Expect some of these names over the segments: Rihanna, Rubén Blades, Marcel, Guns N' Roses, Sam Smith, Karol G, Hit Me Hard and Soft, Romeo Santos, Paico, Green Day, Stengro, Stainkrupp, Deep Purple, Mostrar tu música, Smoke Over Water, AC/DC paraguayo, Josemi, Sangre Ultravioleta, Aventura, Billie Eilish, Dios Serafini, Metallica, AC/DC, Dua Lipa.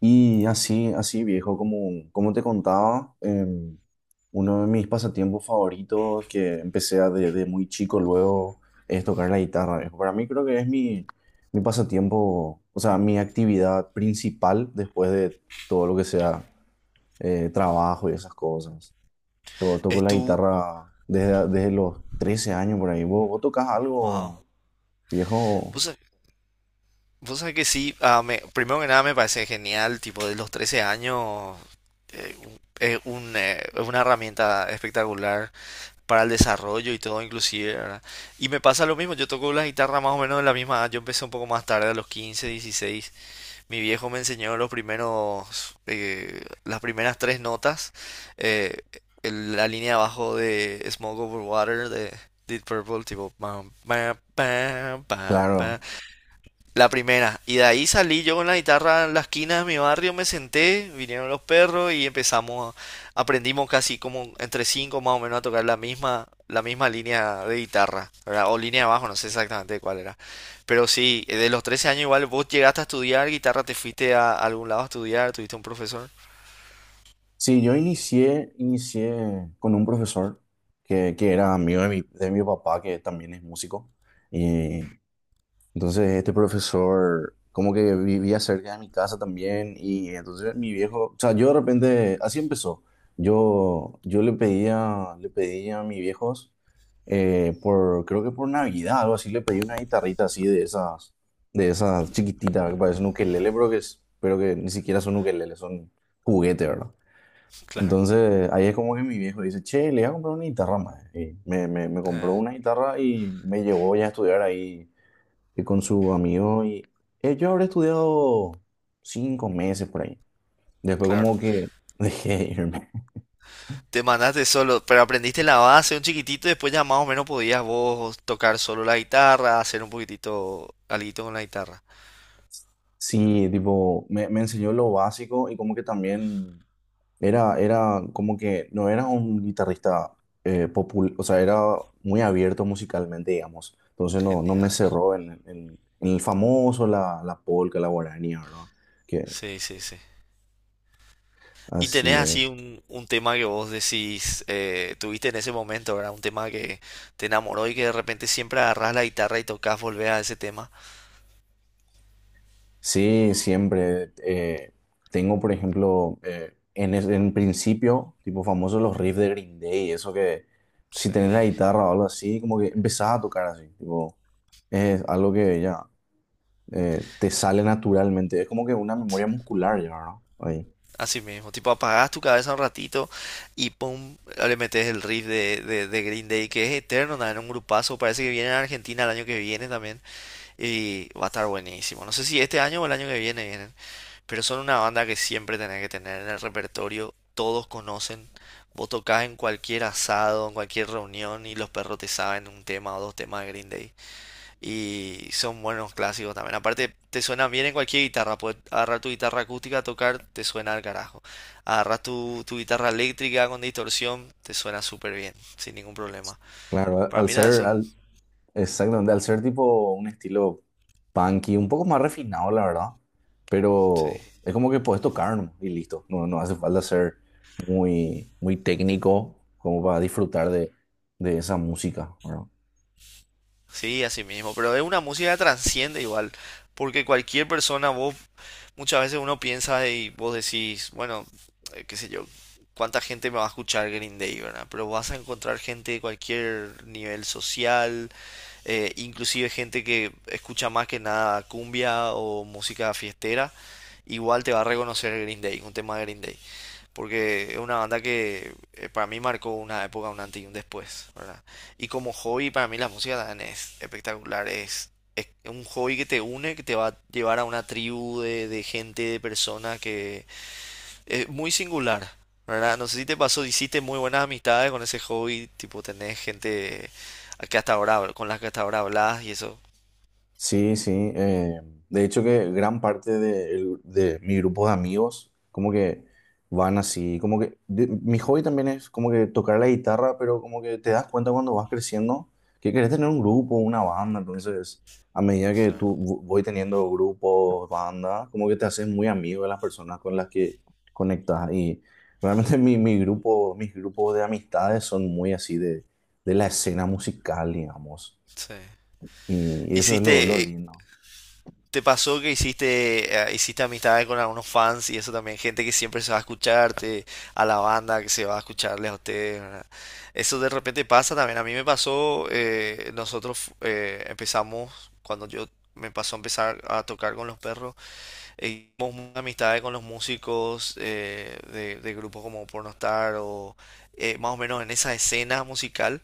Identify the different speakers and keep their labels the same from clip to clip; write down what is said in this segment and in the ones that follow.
Speaker 1: Y así, así viejo, como, como te contaba, uno de mis pasatiempos favoritos que empecé a desde muy chico luego es tocar la guitarra, viejo. Para mí creo que es mi pasatiempo, o sea, mi actividad principal después de todo lo que sea trabajo y esas cosas. Toco
Speaker 2: Es
Speaker 1: la
Speaker 2: tu...
Speaker 1: guitarra desde los 13 años por ahí. Vos tocas algo,
Speaker 2: Wow. Vos
Speaker 1: viejo?
Speaker 2: sab- Vos sabés que sí. Primero que nada me parece genial, tipo de los 13 años, es un, es una herramienta espectacular para el desarrollo y todo inclusive, ¿verdad? Y me pasa lo mismo, yo toco la guitarra más o menos de la misma edad, yo empecé un poco más tarde, a los 15 dieciséis. Mi viejo me enseñó los primeros, las primeras tres notas, eh, la línea abajo de Smoke Over Water de Deep Purple, tipo pam, pam, pam, pam,
Speaker 1: Claro.
Speaker 2: pam. La primera. Y de ahí salí yo con la guitarra en la esquina de mi barrio, me senté, vinieron los perros y aprendimos casi como entre cinco más o menos a tocar la misma línea de guitarra, ¿verdad? O línea de bajo, no sé exactamente cuál era. Pero sí, de los 13 años igual vos llegaste a estudiar guitarra, te fuiste a algún lado a estudiar, tuviste un profesor.
Speaker 1: Sí, yo inicié con un profesor que era amigo de de mi papá, que también es músico. Y entonces este profesor como que vivía cerca de mi casa también. Y entonces mi viejo, o sea, yo de repente, así empezó. Yo le le pedía a mis viejos, por, creo que por Navidad, algo así, le pedí una guitarrita así de esas chiquititas, que parecen ukelele, pero que, pero que ni siquiera son ukelele, son juguete, ¿verdad?
Speaker 2: Claro,
Speaker 1: Entonces, ahí es como que mi viejo dice, che, le voy a comprar una guitarra más. Y me
Speaker 2: eh,
Speaker 1: compró una guitarra y me llevó ya a estudiar ahí con su amigo. Y yo habré estudiado 5 meses por ahí. Después
Speaker 2: claro.
Speaker 1: como que dejé de irme.
Speaker 2: Te mandaste solo, pero aprendiste la base un chiquitito y después ya más o menos podías vos tocar solo la guitarra, hacer un poquitito alguito con la guitarra.
Speaker 1: Sí, tipo, me enseñó lo básico y como que también era como que no era un guitarrista o sea, era muy abierto musicalmente, digamos. Entonces no, no me
Speaker 2: Genial.
Speaker 1: cerró en el famoso, la polca, la guaraní, ¿verdad? Que
Speaker 2: Sí, sí, sí. Y tenés
Speaker 1: así
Speaker 2: así
Speaker 1: es.
Speaker 2: un tema que vos decís, tuviste en ese momento, ¿verdad? Un tema que te enamoró y que de repente siempre agarrás la guitarra y tocas, volvés a ese tema.
Speaker 1: Sí, siempre. Tengo, por ejemplo, en principio, tipo famoso, los riffs de Green Day, eso que si
Speaker 2: Sí.
Speaker 1: tenés la guitarra o algo así, como que empezás a tocar así, tipo, es algo que ya. Te sale naturalmente. Es como que una memoria muscular ya, ¿no? Ahí.
Speaker 2: Así mismo, tipo apagás tu cabeza un ratito y pum, le metes el riff de Green Day, que es eterno, nada, en un grupazo, parece que viene a Argentina el año que viene también y va a estar buenísimo. No sé si este año o el año que viene. Pero son una banda que siempre tenés que tener en el repertorio. Todos conocen. Vos tocás en cualquier asado, en cualquier reunión y los perros te saben un tema o dos temas de Green Day. Y son buenos clásicos también. Aparte, te suenan bien en cualquier guitarra. Puedes agarrar tu guitarra acústica a tocar, te suena al carajo. Agarras tu, tu guitarra eléctrica con distorsión, te suena súper bien, sin ningún problema.
Speaker 1: Claro,
Speaker 2: Para mí también son...
Speaker 1: exactamente, al ser tipo un estilo punky, un poco más refinado, la verdad.
Speaker 2: Sí,
Speaker 1: Pero es como que puedes tocar nomás y listo. No, no hace falta ser muy, muy técnico como para disfrutar de esa música, ¿verdad?
Speaker 2: sí, así mismo. Pero es una música que trasciende igual. Porque cualquier persona, vos muchas veces uno piensa y vos decís, bueno, qué sé yo, cuánta gente me va a escuchar Green Day, ¿verdad? Pero vas a encontrar gente de cualquier nivel social, inclusive gente que escucha más que nada cumbia o música fiestera, igual te va a reconocer Green Day, un tema de Green Day, porque es una banda que para mí marcó una época, un antes y un después, ¿verdad? Y como hobby, para mí la música también es espectacular, es un hobby que te une, que te va a llevar a una tribu de gente, de personas que es muy singular, ¿verdad? No sé si te pasó, hiciste muy buenas amistades con ese hobby, tipo tenés gente a que hasta ahora, con las que hasta ahora hablas y eso.
Speaker 1: Sí, sí. De hecho que gran parte de mi grupo de amigos como que van así, como que mi hobby también es como que tocar la guitarra, pero como que te das cuenta cuando vas creciendo que querés tener un grupo, una banda, entonces a medida que
Speaker 2: Claro,
Speaker 1: voy teniendo grupos, bandas, como que te haces muy amigo de las personas con las que conectas y realmente mi grupo, mis grupos de amistades son muy así de la escena musical, digamos,
Speaker 2: sí.
Speaker 1: y eso es lo
Speaker 2: Hiciste,
Speaker 1: lindo.
Speaker 2: ¿Te pasó que hiciste, hiciste amistades con algunos fans y eso también, gente que siempre se va a escucharte, a la banda que se va a escucharles a ustedes, ¿verdad? Eso de repente pasa también. A mí me pasó, nosotros empezamos, cuando yo me pasó a empezar a tocar con los perros, hicimos muchas amistades con los músicos de grupos como Pornostar o más o menos en esa escena musical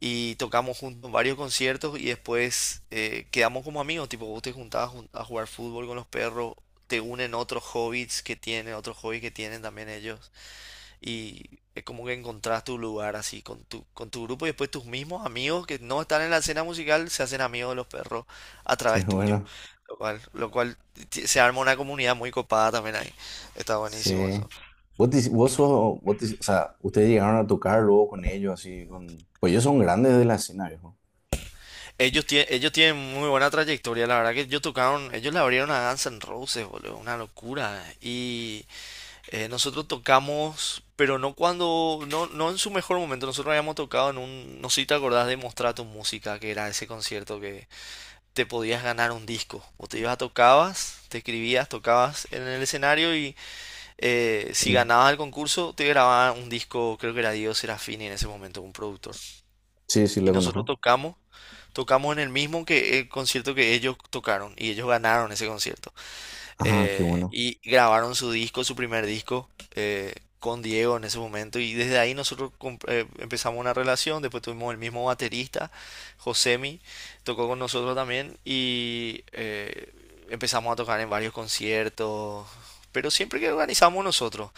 Speaker 2: y tocamos juntos varios conciertos y después quedamos como amigos, tipo vos te juntabas a jugar fútbol con los perros, te unen otros hobbies que tienen, otros hobbies que tienen también ellos, y es como que encontrás tu lugar así con tu grupo y después tus mismos amigos que no están en la escena musical se hacen amigos de los perros a
Speaker 1: Qué
Speaker 2: través tuyo,
Speaker 1: bueno.
Speaker 2: lo cual, se arma una comunidad muy copada también ahí, está buenísimo eso.
Speaker 1: Sí. Vos, te- vos sos, vos te- o sea, ustedes llegaron a tocar luego con ellos, así, con... Pues ellos son grandes de la escena, viejo.
Speaker 2: Ellos tienen muy buena trayectoria, la verdad que ellos tocaron, ellos le abrieron a Guns N' Roses, boludo, una locura. Y nosotros tocamos, pero no cuando, no, no en su mejor momento, nosotros habíamos tocado en un, no sé si te acordás de Mostrar tu música, que era ese concierto que te podías ganar un disco. O te ibas a tocabas, te escribías, tocabas en el escenario y si
Speaker 1: Mm.
Speaker 2: ganabas el concurso te grababan un disco, creo que era Dios Serafini en ese momento, un productor.
Speaker 1: Sí, sí,
Speaker 2: Y
Speaker 1: lo
Speaker 2: nosotros
Speaker 1: conozco.
Speaker 2: tocamos, tocamos en el mismo que el concierto que ellos tocaron y ellos ganaron ese concierto.
Speaker 1: Ah, qué bueno.
Speaker 2: Y grabaron su disco, su primer disco, eh, con Diego en ese momento. Y desde ahí empezamos una relación. Después tuvimos el mismo baterista, Josemi, tocó con nosotros también y empezamos a tocar en varios conciertos. Pero siempre que organizamos nosotros.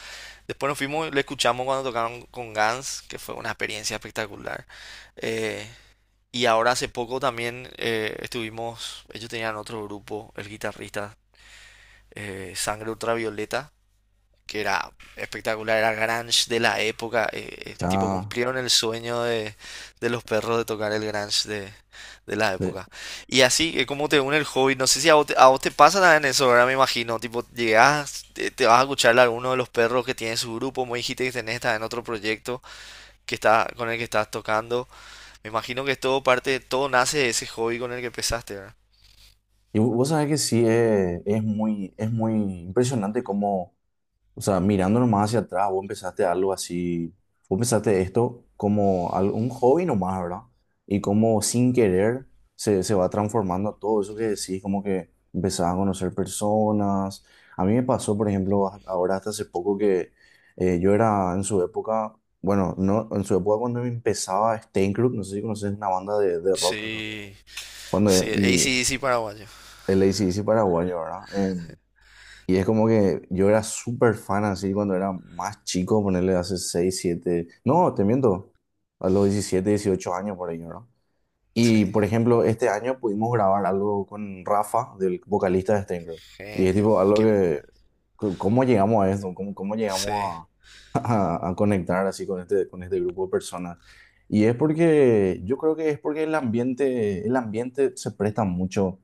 Speaker 2: Después nos fuimos, le escuchamos cuando tocaron con Guns, que fue una experiencia espectacular. Eh, y ahora hace poco también estuvimos, ellos tenían otro grupo, el guitarrista Sangre Ultravioleta, que era espectacular, era grunge de la época, tipo
Speaker 1: Ya.
Speaker 2: cumplieron el sueño de los perros de tocar el grunge de la
Speaker 1: de-
Speaker 2: época. Y así es como te une el hobby, no sé si a vos te, a vos te pasa también eso, ahora me imagino, tipo llegás, te vas a escuchar a alguno de los perros que tiene su grupo, me dijiste que tenés en otro proyecto que está, con el que estás tocando, me imagino que es todo parte, todo nace de ese hobby con el que empezaste, ¿verdad?
Speaker 1: Vos sabés que sí, es muy impresionante cómo... O sea, mirando nomás hacia atrás, vos empezaste algo así, vos empezaste esto como un hobby nomás, ¿verdad? Y como sin querer se va transformando a todo eso que decís, como que empezás a conocer personas. A mí me pasó, por ejemplo, ahora hasta hace poco que yo era en su época, bueno, no, en su época cuando empezaba Stainkrupp, no sé si conoces una banda de rock acá,
Speaker 2: Sí,
Speaker 1: cuando,
Speaker 2: sí, el
Speaker 1: y
Speaker 2: AC/DC paraguayo.
Speaker 1: el AC/DC paraguayo, ¿verdad? Y es como que yo era súper fan así cuando era más chico, ponerle hace 6 7 no, te miento, a los 17 18 años por ahí, ¿no?
Speaker 2: Sí,
Speaker 1: Y por ejemplo, este año pudimos grabar algo con Rafa, del vocalista de Stengro. Y es
Speaker 2: genio.
Speaker 1: tipo algo
Speaker 2: Qué,
Speaker 1: que, ¿cómo llegamos a esto? ¿Cómo, cómo
Speaker 2: sí.
Speaker 1: llegamos a, a conectar así con este grupo de personas? Y es porque, yo creo que es porque el ambiente se presta mucho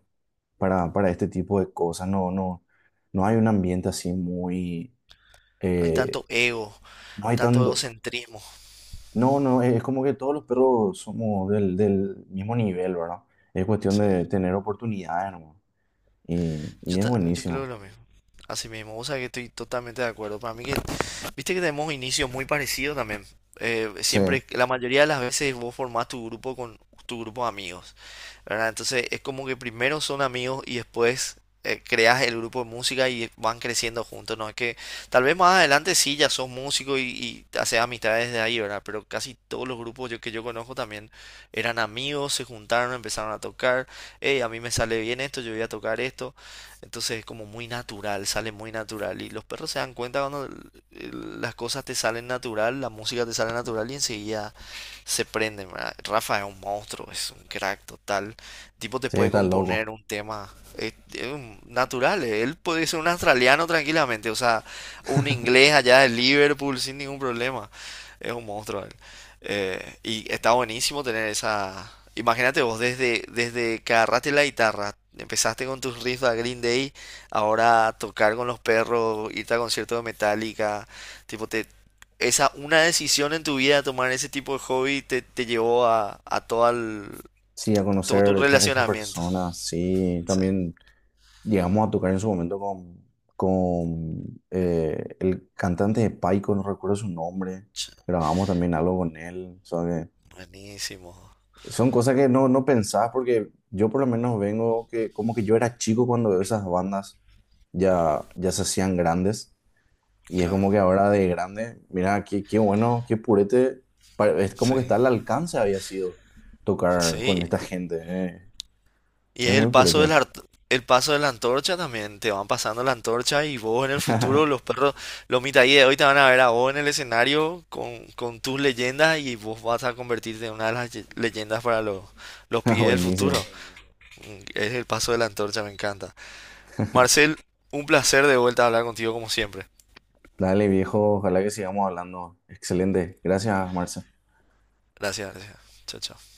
Speaker 1: para este tipo de cosas. No, no, no hay un ambiente así muy...
Speaker 2: No hay
Speaker 1: eh,
Speaker 2: tanto ego,
Speaker 1: no hay
Speaker 2: tanto
Speaker 1: tanto...
Speaker 2: egocentrismo.
Speaker 1: No, no, es como que todos los perros somos del mismo nivel, ¿verdad? Es cuestión
Speaker 2: Sí.
Speaker 1: de tener oportunidades, ¿no? Y es
Speaker 2: Yo
Speaker 1: buenísimo.
Speaker 2: creo lo mismo. Así mismo, o sea que estoy totalmente de acuerdo. Para mí que, viste que tenemos inicios muy parecidos también.
Speaker 1: Sí,
Speaker 2: Siempre, la mayoría de las veces vos formás tu grupo con tu grupo de amigos, ¿verdad? Entonces es como que primero son amigos y después creas el grupo de música y van creciendo juntos, ¿no? Es que tal vez más adelante sí ya sos músico y haces amistades de ahí, ¿verdad? Pero casi todos los grupos yo, que yo conozco también eran amigos, se juntaron, empezaron a tocar, hey, a mí me sale bien esto, yo voy a tocar esto. Entonces es como muy natural, sale muy natural. Y los perros se dan cuenta cuando las cosas te salen natural, la música te sale natural y enseguida se prenden, ¿verdad? Rafa es un monstruo, es un crack total. Tipo te
Speaker 1: sí,
Speaker 2: puede
Speaker 1: está loco.
Speaker 2: componer un tema, natural, él puede ser un australiano tranquilamente, o sea, un inglés allá de Liverpool sin ningún problema. Es un monstruo. Y está buenísimo tener esa. Imagínate vos, desde, desde que agarraste la guitarra, empezaste con tus riffs a Green Day, ahora tocar con los perros, irte a conciertos de Metallica, tipo, te, esa, una decisión en tu vida, tomar ese tipo de hobby, te llevó a todo, el,
Speaker 1: Sí, a
Speaker 2: todo
Speaker 1: conocer
Speaker 2: tu
Speaker 1: estas esas
Speaker 2: relacionamiento.
Speaker 1: personas, sí,
Speaker 2: Sí.
Speaker 1: también llegamos a tocar en su momento con el cantante de Paico, no recuerdo su nombre,
Speaker 2: Ch-
Speaker 1: grabamos también algo con él, ¿sabes?
Speaker 2: Buenísimo,
Speaker 1: Son cosas que no, no pensás porque yo por lo menos vengo que como que yo era chico cuando veo esas bandas ya, ya se hacían grandes y es como
Speaker 2: claro.
Speaker 1: que ahora de grande, mira, qué, qué bueno, qué purete, es como
Speaker 2: Sí,
Speaker 1: que está al alcance había sido tocar
Speaker 2: sí.
Speaker 1: con esta gente, eh.
Speaker 2: Y es
Speaker 1: Es
Speaker 2: el
Speaker 1: muy
Speaker 2: paso de
Speaker 1: purete.
Speaker 2: la, el paso de la antorcha también. Te van pasando la antorcha y vos en el futuro, los perros, los mitaí de hoy te van a ver a vos en el escenario con tus leyendas y vos vas a convertirte en una de las leyendas para los pibes del futuro.
Speaker 1: Buenísimo.
Speaker 2: Mm, es el paso de la antorcha, me encanta. Marcel, un placer de vuelta a hablar contigo como siempre.
Speaker 1: Dale viejo, ojalá que sigamos hablando. Excelente. Gracias, Marce.
Speaker 2: Gracias, gracias. Chao, chao.